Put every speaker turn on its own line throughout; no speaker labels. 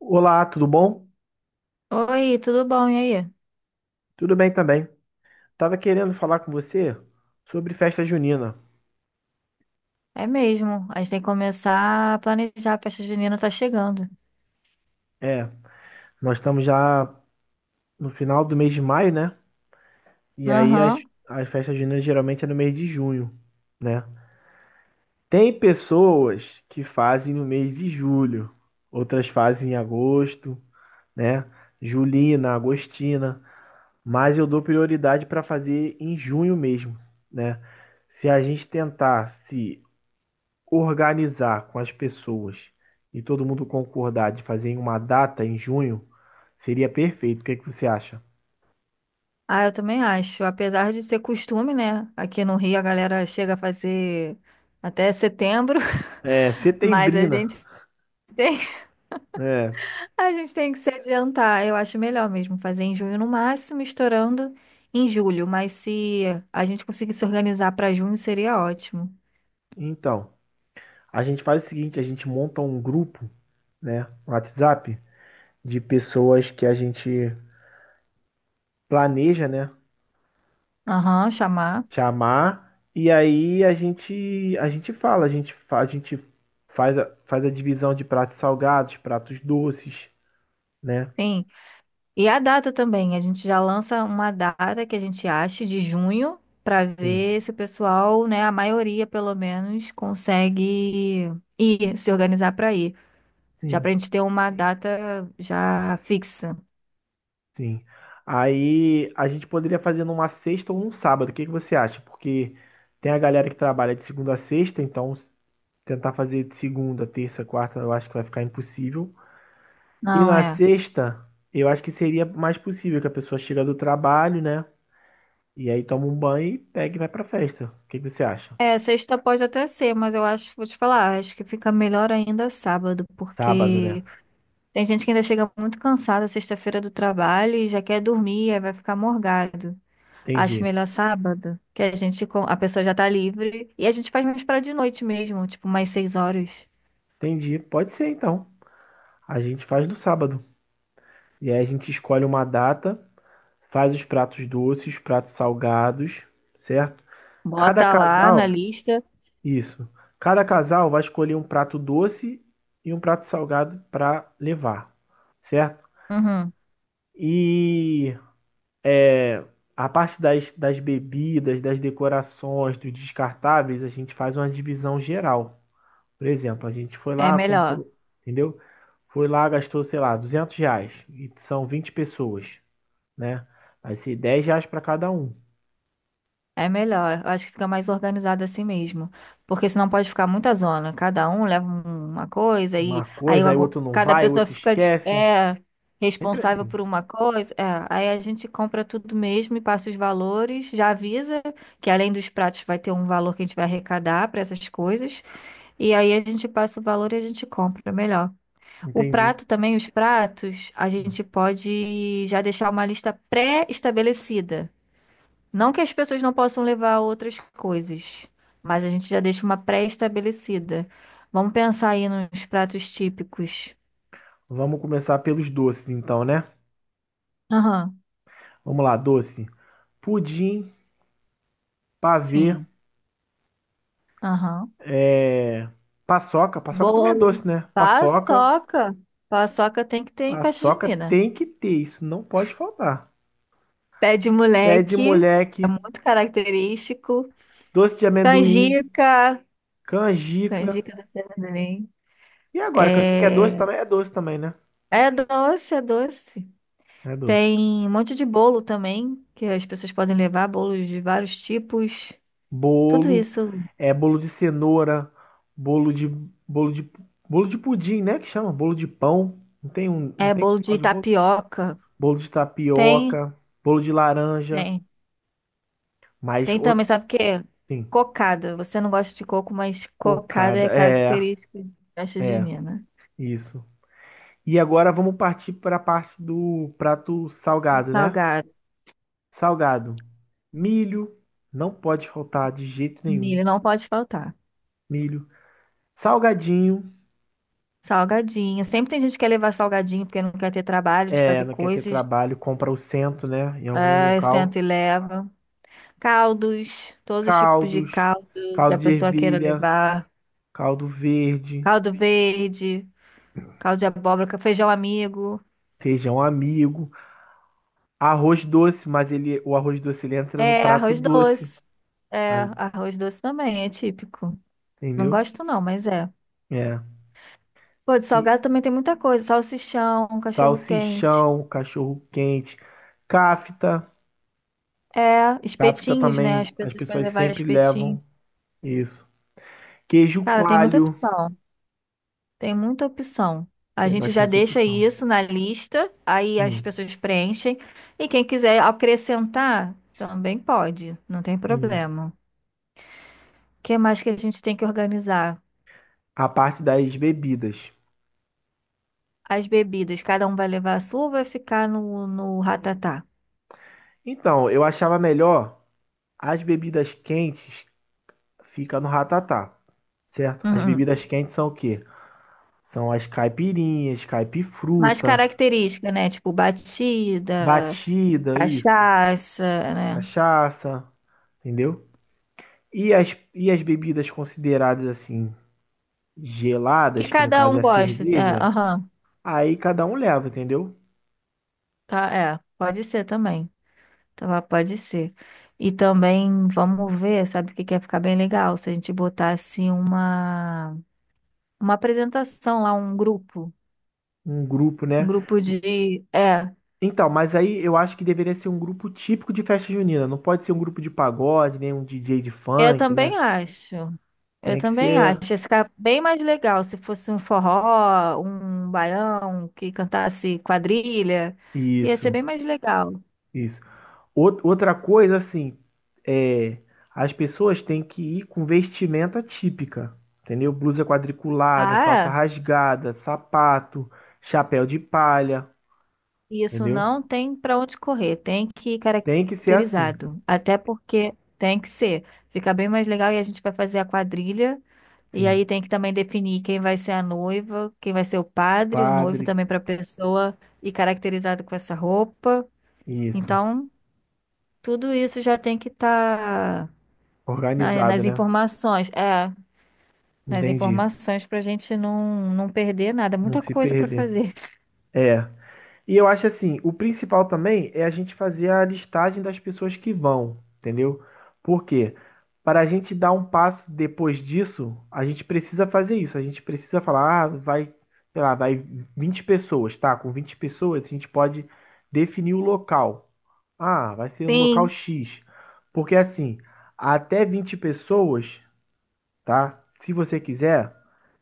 Olá, tudo bom?
Oi, tudo bom? E aí?
Tudo bem também. Tava querendo falar com você sobre festa junina.
É mesmo. A gente tem que começar a planejar. A festa junina tá chegando.
É, nós estamos já no final do mês de maio, né? E aí as,
Aham.
as festas juninas geralmente é no mês de junho, né? Tem pessoas que fazem no mês de julho, outras fazem em agosto, né? Julina, agostina, mas eu dou prioridade para fazer em junho mesmo, né? Se a gente tentar se organizar com as pessoas e todo mundo concordar de fazer em uma data em junho, seria perfeito. O que é que você acha?
Ah, eu também acho. Apesar de ser costume, né? Aqui no Rio a galera chega a fazer até setembro,
É,
mas a
setembrina.
gente tem,
É,
a gente tem que se adiantar. Eu acho melhor mesmo fazer em junho no máximo, estourando em julho. Mas se a gente conseguir se organizar para junho, seria ótimo.
então, a gente faz o seguinte, a gente monta um grupo, né, no WhatsApp, de pessoas que a gente planeja, né,
Aham, chamar.
chamar, e aí a gente fala, a gente, a gente faz a, faz a divisão de pratos salgados, pratos doces, né?
Sim. E a data também, a gente já lança uma data que a gente acha de junho para
Sim,
ver se o pessoal, né, a maioria pelo menos, consegue ir, se organizar para ir. Já para
sim.
a gente ter uma data já fixa.
Sim. Aí a gente poderia fazer numa sexta ou um sábado. O que que você acha? Porque tem a galera que trabalha de segunda a sexta, então tentar fazer de segunda, terça, quarta, eu acho que vai ficar impossível. E
Não
na
é.
sexta, eu acho que seria mais possível que a pessoa chega do trabalho, né? E aí toma um banho e pega e vai pra festa. O que que você acha?
É, sexta pode até ser, mas eu acho, vou te falar, acho que fica melhor ainda sábado,
Sábado, né?
porque tem gente que ainda chega muito cansada sexta-feira do trabalho e já quer dormir, aí vai ficar morgado. Acho
Entendi.
melhor sábado, que a gente com- a pessoa já tá livre e a gente faz mais para de noite mesmo, tipo mais 6 horas.
Entendi. Pode ser então. A gente faz no sábado. E aí a gente escolhe uma data, faz os pratos doces, pratos salgados, certo? Cada
Bota lá na
casal,
lista.
isso. Cada casal vai escolher um prato doce e um prato salgado para levar, certo?
Uhum.
E a parte das, das bebidas, das decorações, dos descartáveis, a gente faz uma divisão geral. Por exemplo, a gente foi
É
lá,
melhor.
comprou, entendeu? Foi lá, gastou, sei lá, R$ 200. E são 20 pessoas, né? Vai ser R$ 10 para cada um.
É melhor. Eu acho que fica mais organizado assim mesmo, porque senão pode ficar muita zona. Cada um leva uma coisa
Uma
e aí
coisa, aí o
algu-
outro não
cada
vai, o
pessoa
outro
fica de-
esquece.
é
Sempre
responsável
assim.
por uma coisa. É, aí a gente compra tudo mesmo e passa os valores, já avisa que além dos pratos vai ter um valor que a gente vai arrecadar para essas coisas. E aí a gente passa o valor e a gente compra, melhor. O
Entendi.
prato também, os pratos, a gente pode já deixar uma lista pré-estabelecida. Não que as pessoas não possam levar outras coisas, mas a gente já deixa uma pré-estabelecida. Vamos pensar aí nos pratos típicos.
Vamos começar pelos doces, então, né?
Aham,
Vamos lá, doce. Pudim, pavê,
sim. Aham.
é, paçoca. Paçoca também é
Bolo.
doce, né? Paçoca.
Paçoca. Paçoca tem que ter em festa
Paçoca
junina.
tem que ter, isso não pode faltar.
Pé de
Pé de
moleque, é
moleque,
muito característico.
doce de amendoim,
Canjica.
canjica.
Canjica da Serra do Enem.
E agora, canjica é doce
É,
também? É doce também, né?
é doce, é doce.
É doce.
Tem um monte de bolo também, que as pessoas podem levar, bolos de vários tipos. Tudo
Bolo,
isso.
é bolo de cenoura, bolo de bolo de bolo de pudim, né? Que chama bolo de pão. Não
É
tem
bolo
um tal
de
de bolo.
tapioca.
Bolo de
Tem,
tapioca, bolo de laranja.
tem.
Mas,
Tem também, sabe o quê?
sim,
Cocada. Você não gosta de coco, mas cocada
cocada.
é
É,
característica de festa
é,
junina.
isso. E agora vamos partir para a parte do prato salgado, né?
Salgado.
Salgado. Milho, não pode faltar de jeito nenhum.
Milho não pode faltar.
Milho. Salgadinho,
Salgadinho. Sempre tem gente que quer levar salgadinho porque não quer ter trabalho de
é,
fazer
não quer ter
coisas.
trabalho, compra o cento né? Em algum
Aí senta
local.
e leva. Caldos, todos os tipos de
Caldos,
caldo que a
caldo de
pessoa queira
ervilha,
levar.
caldo verde,
Caldo verde, caldo de abóbora, feijão amigo.
feijão amigo, arroz doce, mas ele, o arroz doce ele entra no
É,
prato
arroz
doce,
doce. É,
aí,
arroz doce também, é típico. Não
entendeu?
gosto não, mas é.
É.
Pô, de
E,
salgado também tem muita coisa. Salsichão, cachorro-quente.
salsichão, cachorro quente, cafta.
É,
Cafta
espetinhos, né?
também
As
as
pessoas podem
pessoas
levar
sempre levam
espetinhos.
isso. Queijo
Cara, tem muita
coalho,
opção. Tem muita opção. A
tem
gente já
bastante
deixa
opção.
isso na lista, aí as
Sim,
pessoas preenchem. E quem quiser acrescentar, também pode, não tem
entendi.
problema. O que mais que a gente tem que organizar?
A parte das bebidas.
As bebidas, cada um vai levar a sua ou vai ficar no ratatá?
Então, eu achava melhor as bebidas quentes fica no ratatá, certo? As
Uhum.
bebidas quentes são o quê? São as caipirinhas,
Mais
caipifruta,
característica, né? Tipo batida,
batida, isso,
cachaça, né?
cachaça, entendeu? E as, e as bebidas consideradas assim
Que
geladas, que no
cada
caso
um
é a
gosta. É,
cerveja,
aham,
aí cada um leva, entendeu?
tá, é, pode ser também. Tá, pode ser. E também vamos ver, sabe o que que ia ficar bem legal? Se a gente botasse uma apresentação lá, um grupo.
Um grupo,
Um
né?
grupo de. É,
Então, mas aí eu acho que deveria ser um grupo típico de festa junina. Não pode ser um grupo de pagode, nem um DJ de
eu
funk,
também
né?
acho. Eu
Tem que
também
ser
acho. Ia ficar bem mais legal se fosse um forró, um baião que cantasse quadrilha. Ia ser
isso,
bem mais legal.
isso. Outra coisa, assim, é, as pessoas têm que ir com vestimenta típica, entendeu? Blusa quadriculada, calça
Ah, é?
rasgada, sapato, chapéu de palha,
Isso
entendeu?
não tem para onde correr, tem que ir
Tem que ser assim,
caracterizado. Até porque tem que ser. Fica bem mais legal e a gente vai fazer a quadrilha. E
sim.
aí tem que também definir quem vai ser a noiva, quem vai ser o padre, o noivo
Padre,
também para a pessoa e caracterizado com essa roupa.
isso.
Então, tudo isso já tem que estar
Organizado,
nas
né?
informações. É, nas
Entendi.
informações para a gente não perder nada.
Não
Muita
se
coisa para
perder.
fazer.
É. E eu acho assim, o principal também é a gente fazer a listagem das pessoas que vão, entendeu? Por quê? Para a gente dar um passo depois disso, a gente precisa fazer isso. A gente precisa falar, ah, vai, sei lá, vai 20 pessoas, tá? Com 20 pessoas, a gente pode definir o local. Ah, vai ser no local
Sim,
X. Porque assim, até 20 pessoas, tá? Se você quiser,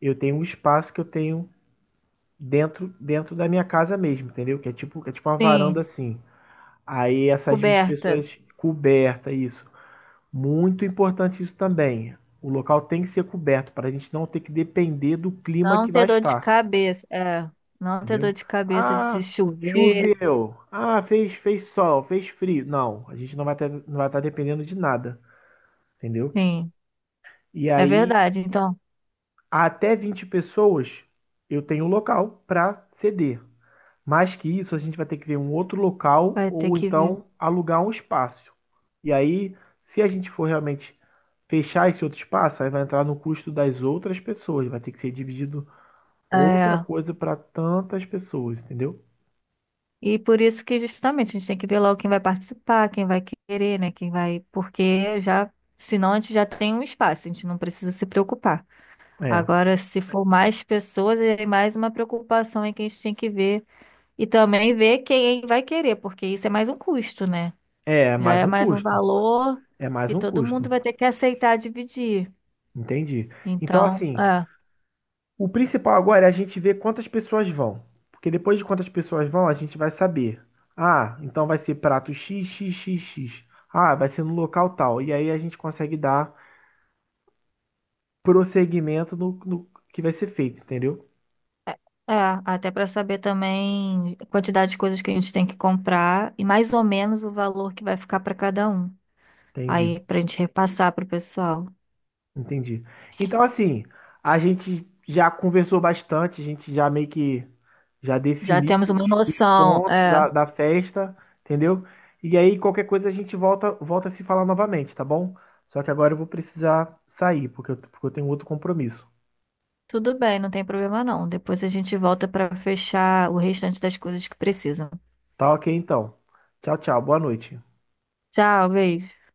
eu tenho um espaço que eu tenho dentro da minha casa mesmo, entendeu? Que é tipo uma varanda
sim.
assim. Aí essas 20
Coberta.
pessoas coberta isso. Muito importante isso também. O local tem que ser coberto para a gente não ter que depender do clima
Não
que vai
ter dor de
estar,
cabeça. É, não ter dor
entendeu?
de cabeça de se
Ah,
chover.
choveu. Ah, fez sol, fez frio. Não, a gente não vai ter, não vai estar dependendo de nada, entendeu?
Sim,
E
é
aí
verdade. Então,
até 20 pessoas eu tenho um local para ceder. Mais que isso, a gente vai ter que ver um outro local
vai ter
ou
que ver.
então alugar um espaço. E aí, se a gente for realmente fechar esse outro espaço, aí vai entrar no custo das outras pessoas. Vai ter que ser dividido outra
É.
coisa para tantas pessoas, entendeu?
E por isso que justamente a gente tem que ver logo quem vai participar, quem vai querer, né? Quem vai. Porque já, senão a gente já tem um espaço, a gente não precisa se preocupar.
É,
Agora, se for mais pessoas, é mais uma preocupação aí que a gente tem que ver. E também ver quem vai querer, porque isso é mais um custo, né?
é
Já
mais
é
um
mais um
custo.
valor
É mais
que
um
todo mundo
custo.
vai ter que aceitar dividir.
Entendi. Então,
Então,
assim, o principal agora é a gente ver quantas pessoas vão. Porque depois de quantas pessoas vão, a gente vai saber. Ah, então vai ser prato X, X, X, X. Ah, vai ser no local tal. E aí a gente consegue dar prosseguimento no que vai ser feito, entendeu?
é, até para saber também a quantidade de coisas que a gente tem que comprar e mais ou menos o valor que vai ficar para cada um.
Entendi.
Aí, para a gente repassar para o pessoal.
Entendi. Então, assim, a gente já conversou bastante, a gente já meio que já
Já
definiu
temos uma
os
noção,
pontos
é.
da, da festa, entendeu? E aí, qualquer coisa, a gente volta, volta a se falar novamente, tá bom? Só que agora eu vou precisar sair, porque eu tenho outro compromisso.
Tudo bem, não tem problema não. Depois a gente volta para fechar o restante das coisas que precisam.
Tá ok, então. Tchau, tchau. Boa noite.
Tchau, beijo.